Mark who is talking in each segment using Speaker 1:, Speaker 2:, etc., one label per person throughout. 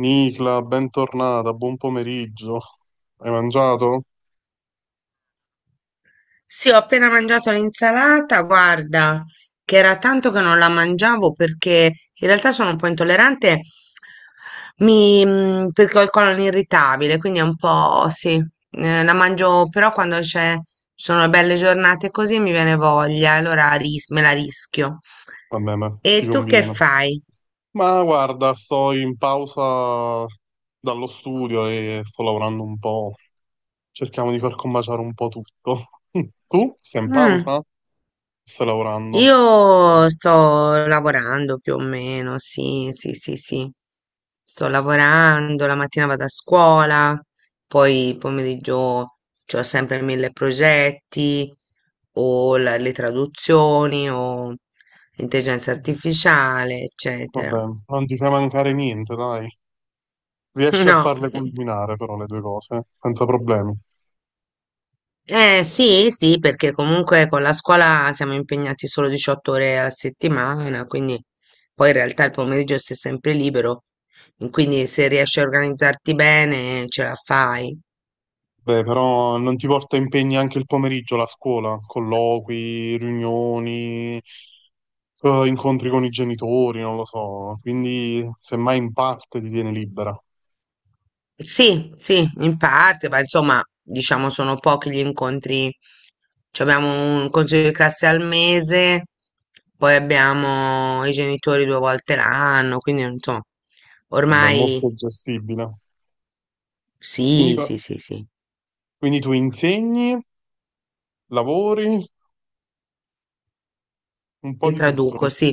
Speaker 1: Nicla, bentornata, buon pomeriggio. Hai mangiato?
Speaker 2: Sì, ho appena mangiato l'insalata, guarda, che era tanto che non la mangiavo perché in realtà sono un po' intollerante, perché ho il colon irritabile, quindi è un po', sì, la mangio però quando ci sono belle giornate così mi viene voglia, allora me la rischio.
Speaker 1: Vabbè, ma
Speaker 2: E
Speaker 1: ti
Speaker 2: tu che
Speaker 1: conviene.
Speaker 2: fai?
Speaker 1: Ma guarda, sto in pausa dallo studio e sto lavorando un po'. Cerchiamo di far combaciare un po' tutto. Tu? Stai in
Speaker 2: Mm.
Speaker 1: pausa? Stai lavorando?
Speaker 2: Io sto lavorando più o meno, sì, sì, sì, sì. Sto lavorando, la mattina vado a scuola, poi pomeriggio ho sempre mille progetti, o le traduzioni, o intelligenza artificiale, eccetera.
Speaker 1: Vabbè, non ti fai mancare niente, dai. Riesci a
Speaker 2: No.
Speaker 1: farle combinare però le due cose, senza problemi.
Speaker 2: Eh sì, sì, perché comunque con la scuola siamo impegnati solo 18 ore alla settimana, quindi poi in realtà il pomeriggio sei sempre libero, quindi se riesci a organizzarti bene ce la fai.
Speaker 1: Beh, però non ti porta impegni anche il pomeriggio la scuola, colloqui, riunioni, incontri con i genitori, non lo so, quindi semmai in parte ti tiene libera.
Speaker 2: Sì, sì, in parte, ma insomma, diciamo sono pochi gli incontri. Ci abbiamo un consiglio di classe al mese, poi abbiamo i genitori due volte l'anno, quindi insomma,
Speaker 1: Vabbè, è molto
Speaker 2: ormai
Speaker 1: gestibile. Quindi,
Speaker 2: sì,
Speaker 1: co-
Speaker 2: sì, sì, sì.
Speaker 1: quindi tu insegni, lavori, un po'
Speaker 2: Li
Speaker 1: di tutto.
Speaker 2: traduco, sì.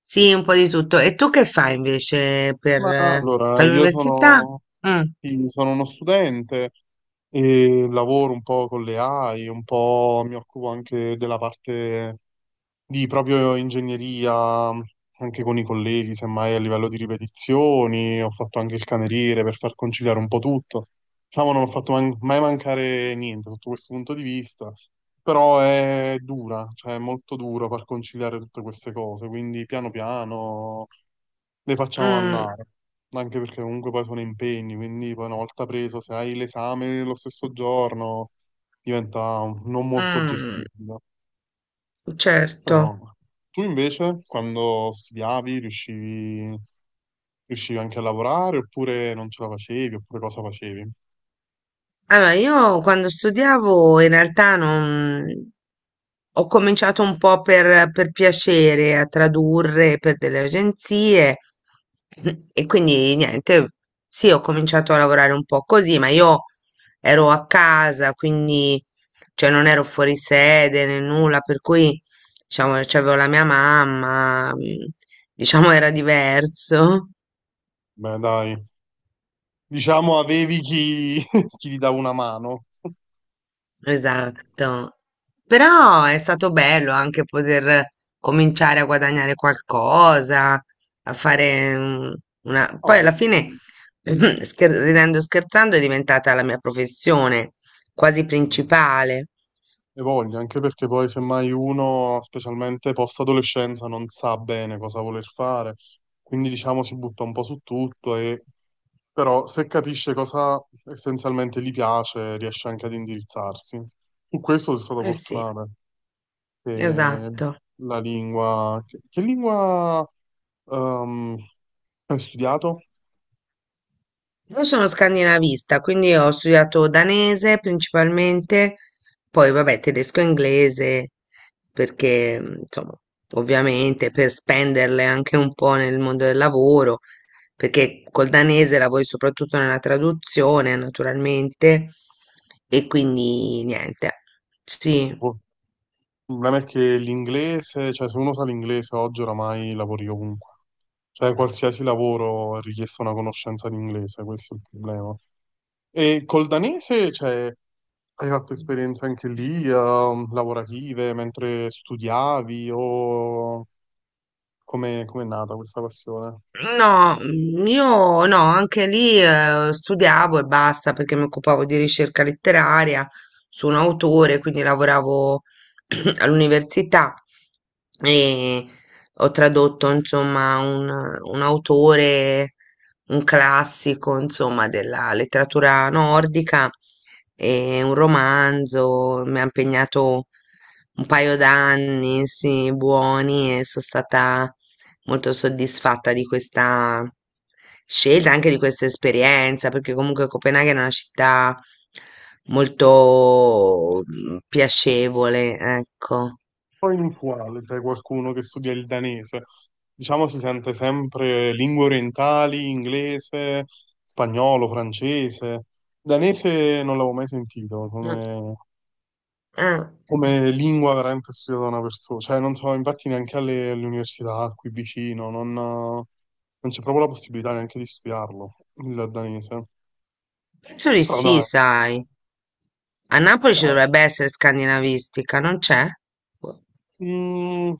Speaker 2: Sì, un po' di tutto. E tu che fai invece
Speaker 1: Ma allora,
Speaker 2: fai l'università? Mm,
Speaker 1: sì, sono uno studente e lavoro un po' con le AI, un po' mi occupo anche della parte di proprio ingegneria, anche con i colleghi, semmai a livello di ripetizioni. Ho fatto anche il cameriere per far conciliare un po' tutto. Diciamo, non ho fatto man- mai mancare niente sotto questo punto di vista, però è dura, cioè è molto duro far conciliare tutte queste cose, quindi piano piano le facciamo
Speaker 2: Mm,
Speaker 1: andare, anche perché comunque poi sono impegni, quindi poi una volta preso, se hai l'esame lo stesso giorno, diventa non molto
Speaker 2: mm,
Speaker 1: gestibile.
Speaker 2: certo.
Speaker 1: Però tu invece, quando studiavi, riuscivi anche a lavorare oppure non ce la facevi, oppure cosa facevi?
Speaker 2: Allora, io quando studiavo in realtà non, ho cominciato un po' per piacere a tradurre per delle agenzie e quindi niente, sì, ho cominciato a lavorare un po' così, ma io ero a casa, quindi cioè, non ero fuori sede né nulla, per cui diciamo, c'avevo la mia mamma, diciamo era diverso.
Speaker 1: Beh, dai, diciamo avevi chi, chi ti dava una mano.
Speaker 2: Esatto. Però è stato bello anche poter cominciare a guadagnare qualcosa, a fare Poi alla fine,
Speaker 1: No,
Speaker 2: ridendo e scherzando, è diventata la mia professione quasi
Speaker 1: eh,
Speaker 2: principale.
Speaker 1: e voglio, anche perché poi semmai uno, specialmente post-adolescenza, non sa bene cosa voler fare, quindi diciamo si butta un po' su tutto e però se capisce cosa essenzialmente gli piace, riesce anche ad indirizzarsi. Su questo sono stato
Speaker 2: Eh sì,
Speaker 1: fortunato, che
Speaker 2: esatto.
Speaker 1: la lingua... che lingua ehm, hai studiato?
Speaker 2: Io sono scandinavista, quindi ho studiato danese principalmente, poi vabbè tedesco e inglese, perché insomma, ovviamente per spenderle anche un po' nel mondo del lavoro, perché col danese lavori soprattutto nella traduzione, naturalmente, e quindi niente, sì.
Speaker 1: Tipo, il problema è che l'inglese, cioè se uno sa l'inglese oggi oramai lavori ovunque. Cioè, qualsiasi lavoro è richiesta una conoscenza di inglese, questo è il problema. E col danese, cioè, hai fatto esperienze anche lì, lavorative, mentre studiavi, o come è nata questa passione?
Speaker 2: No, io no, anche lì studiavo e basta perché mi occupavo di ricerca letteraria su un autore, quindi lavoravo all'università e ho tradotto insomma un, autore, un classico insomma della letteratura nordica e un romanzo, mi ha impegnato un paio d'anni, sì, buoni e sono stata molto soddisfatta di questa scelta, anche di questa esperienza, perché comunque Copenaghen è una città molto piacevole, ecco.
Speaker 1: Poi inusuale, cioè qualcuno che studia il danese. Diciamo si sente sempre lingue orientali, inglese, spagnolo, francese. Danese non l'avevo mai sentito,
Speaker 2: Mm,
Speaker 1: come
Speaker 2: eh,
Speaker 1: come lingua veramente studiata da una persona, cioè non so, infatti neanche alle, alle università qui vicino, non c'è proprio la possibilità neanche di studiarlo, il danese.
Speaker 2: Penso di
Speaker 1: Però
Speaker 2: sì,
Speaker 1: dai,
Speaker 2: sai. A Napoli ci
Speaker 1: no.
Speaker 2: dovrebbe essere scandinavistica, non c'è? Boh.
Speaker 1: Mm,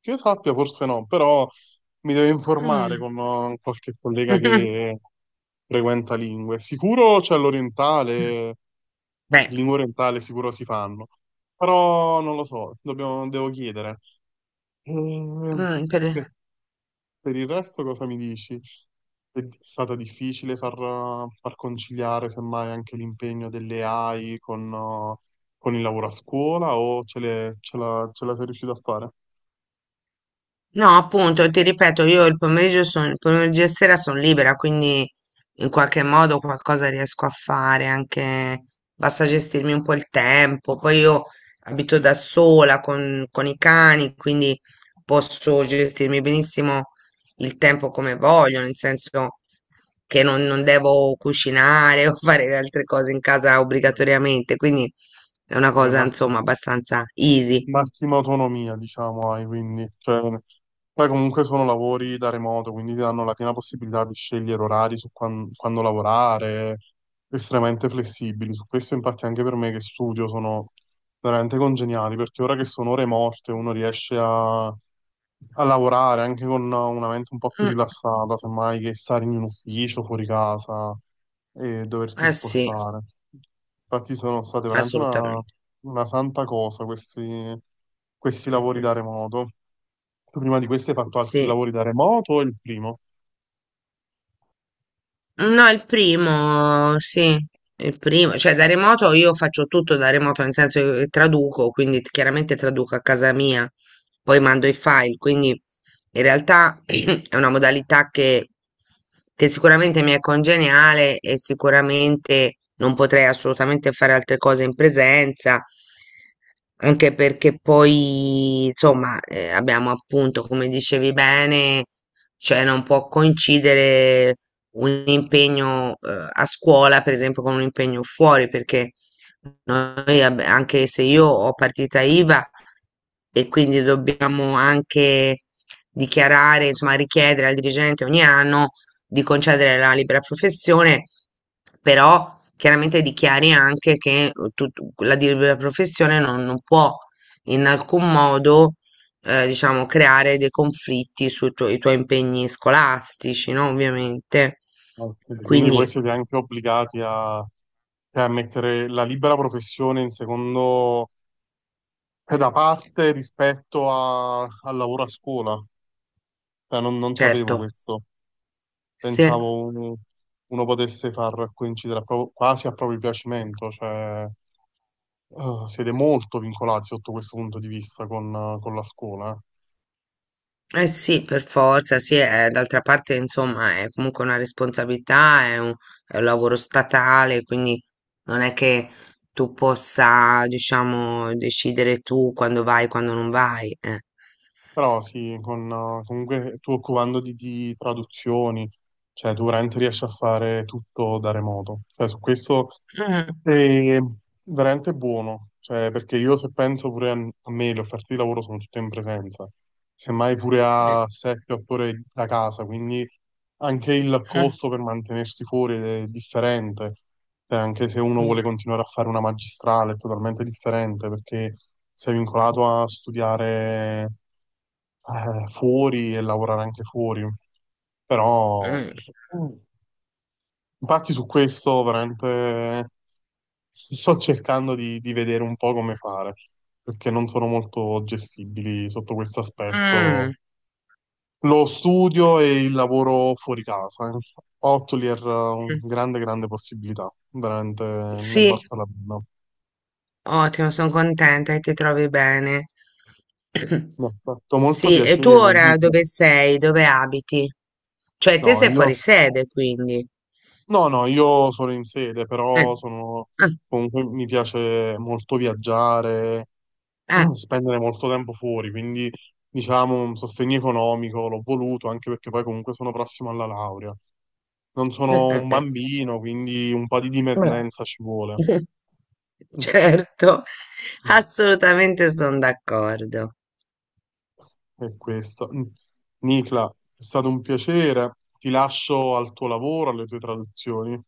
Speaker 1: che io sappia forse no, però mi devo informare
Speaker 2: Mm.
Speaker 1: con qualche collega che frequenta lingue. Sicuro c'è l'orientale,
Speaker 2: Beh,
Speaker 1: lingua orientale sicuro si fanno, però non lo so, devo chiedere. Mm,
Speaker 2: mm, per-
Speaker 1: per il resto cosa mi dici? Stata difficile far, far conciliare semmai anche l'impegno delle AI con il lavoro a scuola o ce la sei riuscito a fare?
Speaker 2: No, appunto, ti ripeto, io il pomeriggio sono, il pomeriggio e sera sono libera, quindi in qualche modo qualcosa riesco a fare, anche basta gestirmi un po' il tempo. Poi io abito da sola con, i cani, quindi posso gestirmi benissimo il tempo come voglio, nel senso che non devo cucinare o fare altre cose in casa
Speaker 1: Beh,
Speaker 2: obbligatoriamente, quindi è una
Speaker 1: vabbè,
Speaker 2: cosa,
Speaker 1: Massimo,
Speaker 2: insomma, abbastanza easy.
Speaker 1: massima autonomia, diciamo, hai, quindi, cioè, poi comunque sono lavori da remoto, quindi ti danno la piena possibilità di scegliere orari su quando lavorare, estremamente flessibili. Su questo, infatti, anche per me che studio sono veramente congeniali, perché ora che sono ore morte, uno riesce a lavorare anche con una mente un po' più
Speaker 2: Mm,
Speaker 1: rilassata, semmai che stare in un ufficio fuori casa e doversi
Speaker 2: eh sì,
Speaker 1: spostare. Infatti sono state veramente
Speaker 2: assolutamente.
Speaker 1: una santa cosa questi, questi lavori
Speaker 2: Mh-mh.
Speaker 1: da remoto. Tu prima di questi hai fatto altri
Speaker 2: Sì.
Speaker 1: lavori da remoto o il primo?
Speaker 2: No, il primo, sì, il primo, cioè da remoto io faccio tutto da remoto, nel senso che traduco, quindi chiaramente traduco a casa mia, poi mando i file, quindi in realtà è una modalità che sicuramente mi è congeniale e sicuramente non potrei assolutamente fare altre cose in presenza, anche perché poi, insomma, abbiamo appunto, come dicevi bene, cioè non può coincidere un impegno, a scuola, per esempio, con un impegno fuori, perché noi, anche se io ho partita IVA e quindi dobbiamo anche dichiarare, insomma, richiedere al dirigente ogni anno di concedere la libera professione, però chiaramente dichiari anche che la libera professione non può in alcun modo diciamo, creare dei conflitti i tuoi impegni scolastici, no? Ovviamente.
Speaker 1: Ok, quindi voi
Speaker 2: Quindi,
Speaker 1: siete anche obbligati a mettere la libera professione in secondo, cioè da parte rispetto al lavoro a scuola. Cioè, non sapevo
Speaker 2: certo,
Speaker 1: questo.
Speaker 2: sì,
Speaker 1: Pensavo un- uno potesse far coincidere quasi a proprio piacimento. Cioè, siete molto vincolati sotto questo punto di vista con la scuola, eh.
Speaker 2: eh sì, per forza, sì, d'altra parte, insomma, è comunque una responsabilità, è un lavoro statale, quindi non è che tu possa, diciamo, decidere tu quando vai, quando non vai.
Speaker 1: Però sì, con, comunque tu occupando di traduzioni, cioè tu veramente riesci a fare tutto da remoto. Cioè, su questo
Speaker 2: Mm,
Speaker 1: è veramente buono, cioè, perché io se penso pure a me, le offerte di lavoro sono tutte in presenza, semmai pure
Speaker 2: eh,
Speaker 1: a 7-8 ore da casa, quindi anche il
Speaker 2: mm,
Speaker 1: costo per mantenersi fuori è differente. Cioè, anche se uno vuole
Speaker 2: mm,
Speaker 1: continuare a fare una magistrale è totalmente differente perché sei vincolato a studiare fuori e lavorare anche fuori. Però,
Speaker 2: mm,
Speaker 1: infatti, su questo veramente sto cercando di vedere un po' come fare, perché non sono molto gestibili sotto questo
Speaker 2: mm,
Speaker 1: aspetto.
Speaker 2: mm.
Speaker 1: Lo studio e il lavoro fuori casa. Ottoli era una grande, grande possibilità, veramente ne è
Speaker 2: Sì.
Speaker 1: valsa la pena.
Speaker 2: Ottimo, sono contenta che ti trovi bene.
Speaker 1: Mi ha fatto molto
Speaker 2: Sì, e tu
Speaker 1: piacere,
Speaker 2: ora
Speaker 1: Emilio.
Speaker 2: dove sei? Dove abiti? Cioè,
Speaker 1: No,
Speaker 2: te sei
Speaker 1: io.
Speaker 2: fuori sede, quindi.
Speaker 1: No, no, io sono in sede,
Speaker 2: Eh,
Speaker 1: però sono,
Speaker 2: ah,
Speaker 1: comunque mi piace molto viaggiare,
Speaker 2: ah,
Speaker 1: spendere molto tempo fuori, quindi diciamo un sostegno economico l'ho voluto, anche perché poi comunque sono prossimo alla laurea. Non
Speaker 2: eh,
Speaker 1: sono
Speaker 2: eh,
Speaker 1: un
Speaker 2: eh,
Speaker 1: bambino, quindi un po' di
Speaker 2: vabbè.
Speaker 1: dipendenza ci vuole. Mm.
Speaker 2: Certo, assolutamente sono d'accordo.
Speaker 1: È questo. Mm. Nicla, è stato un piacere, ti lascio al tuo lavoro, alle tue traduzioni.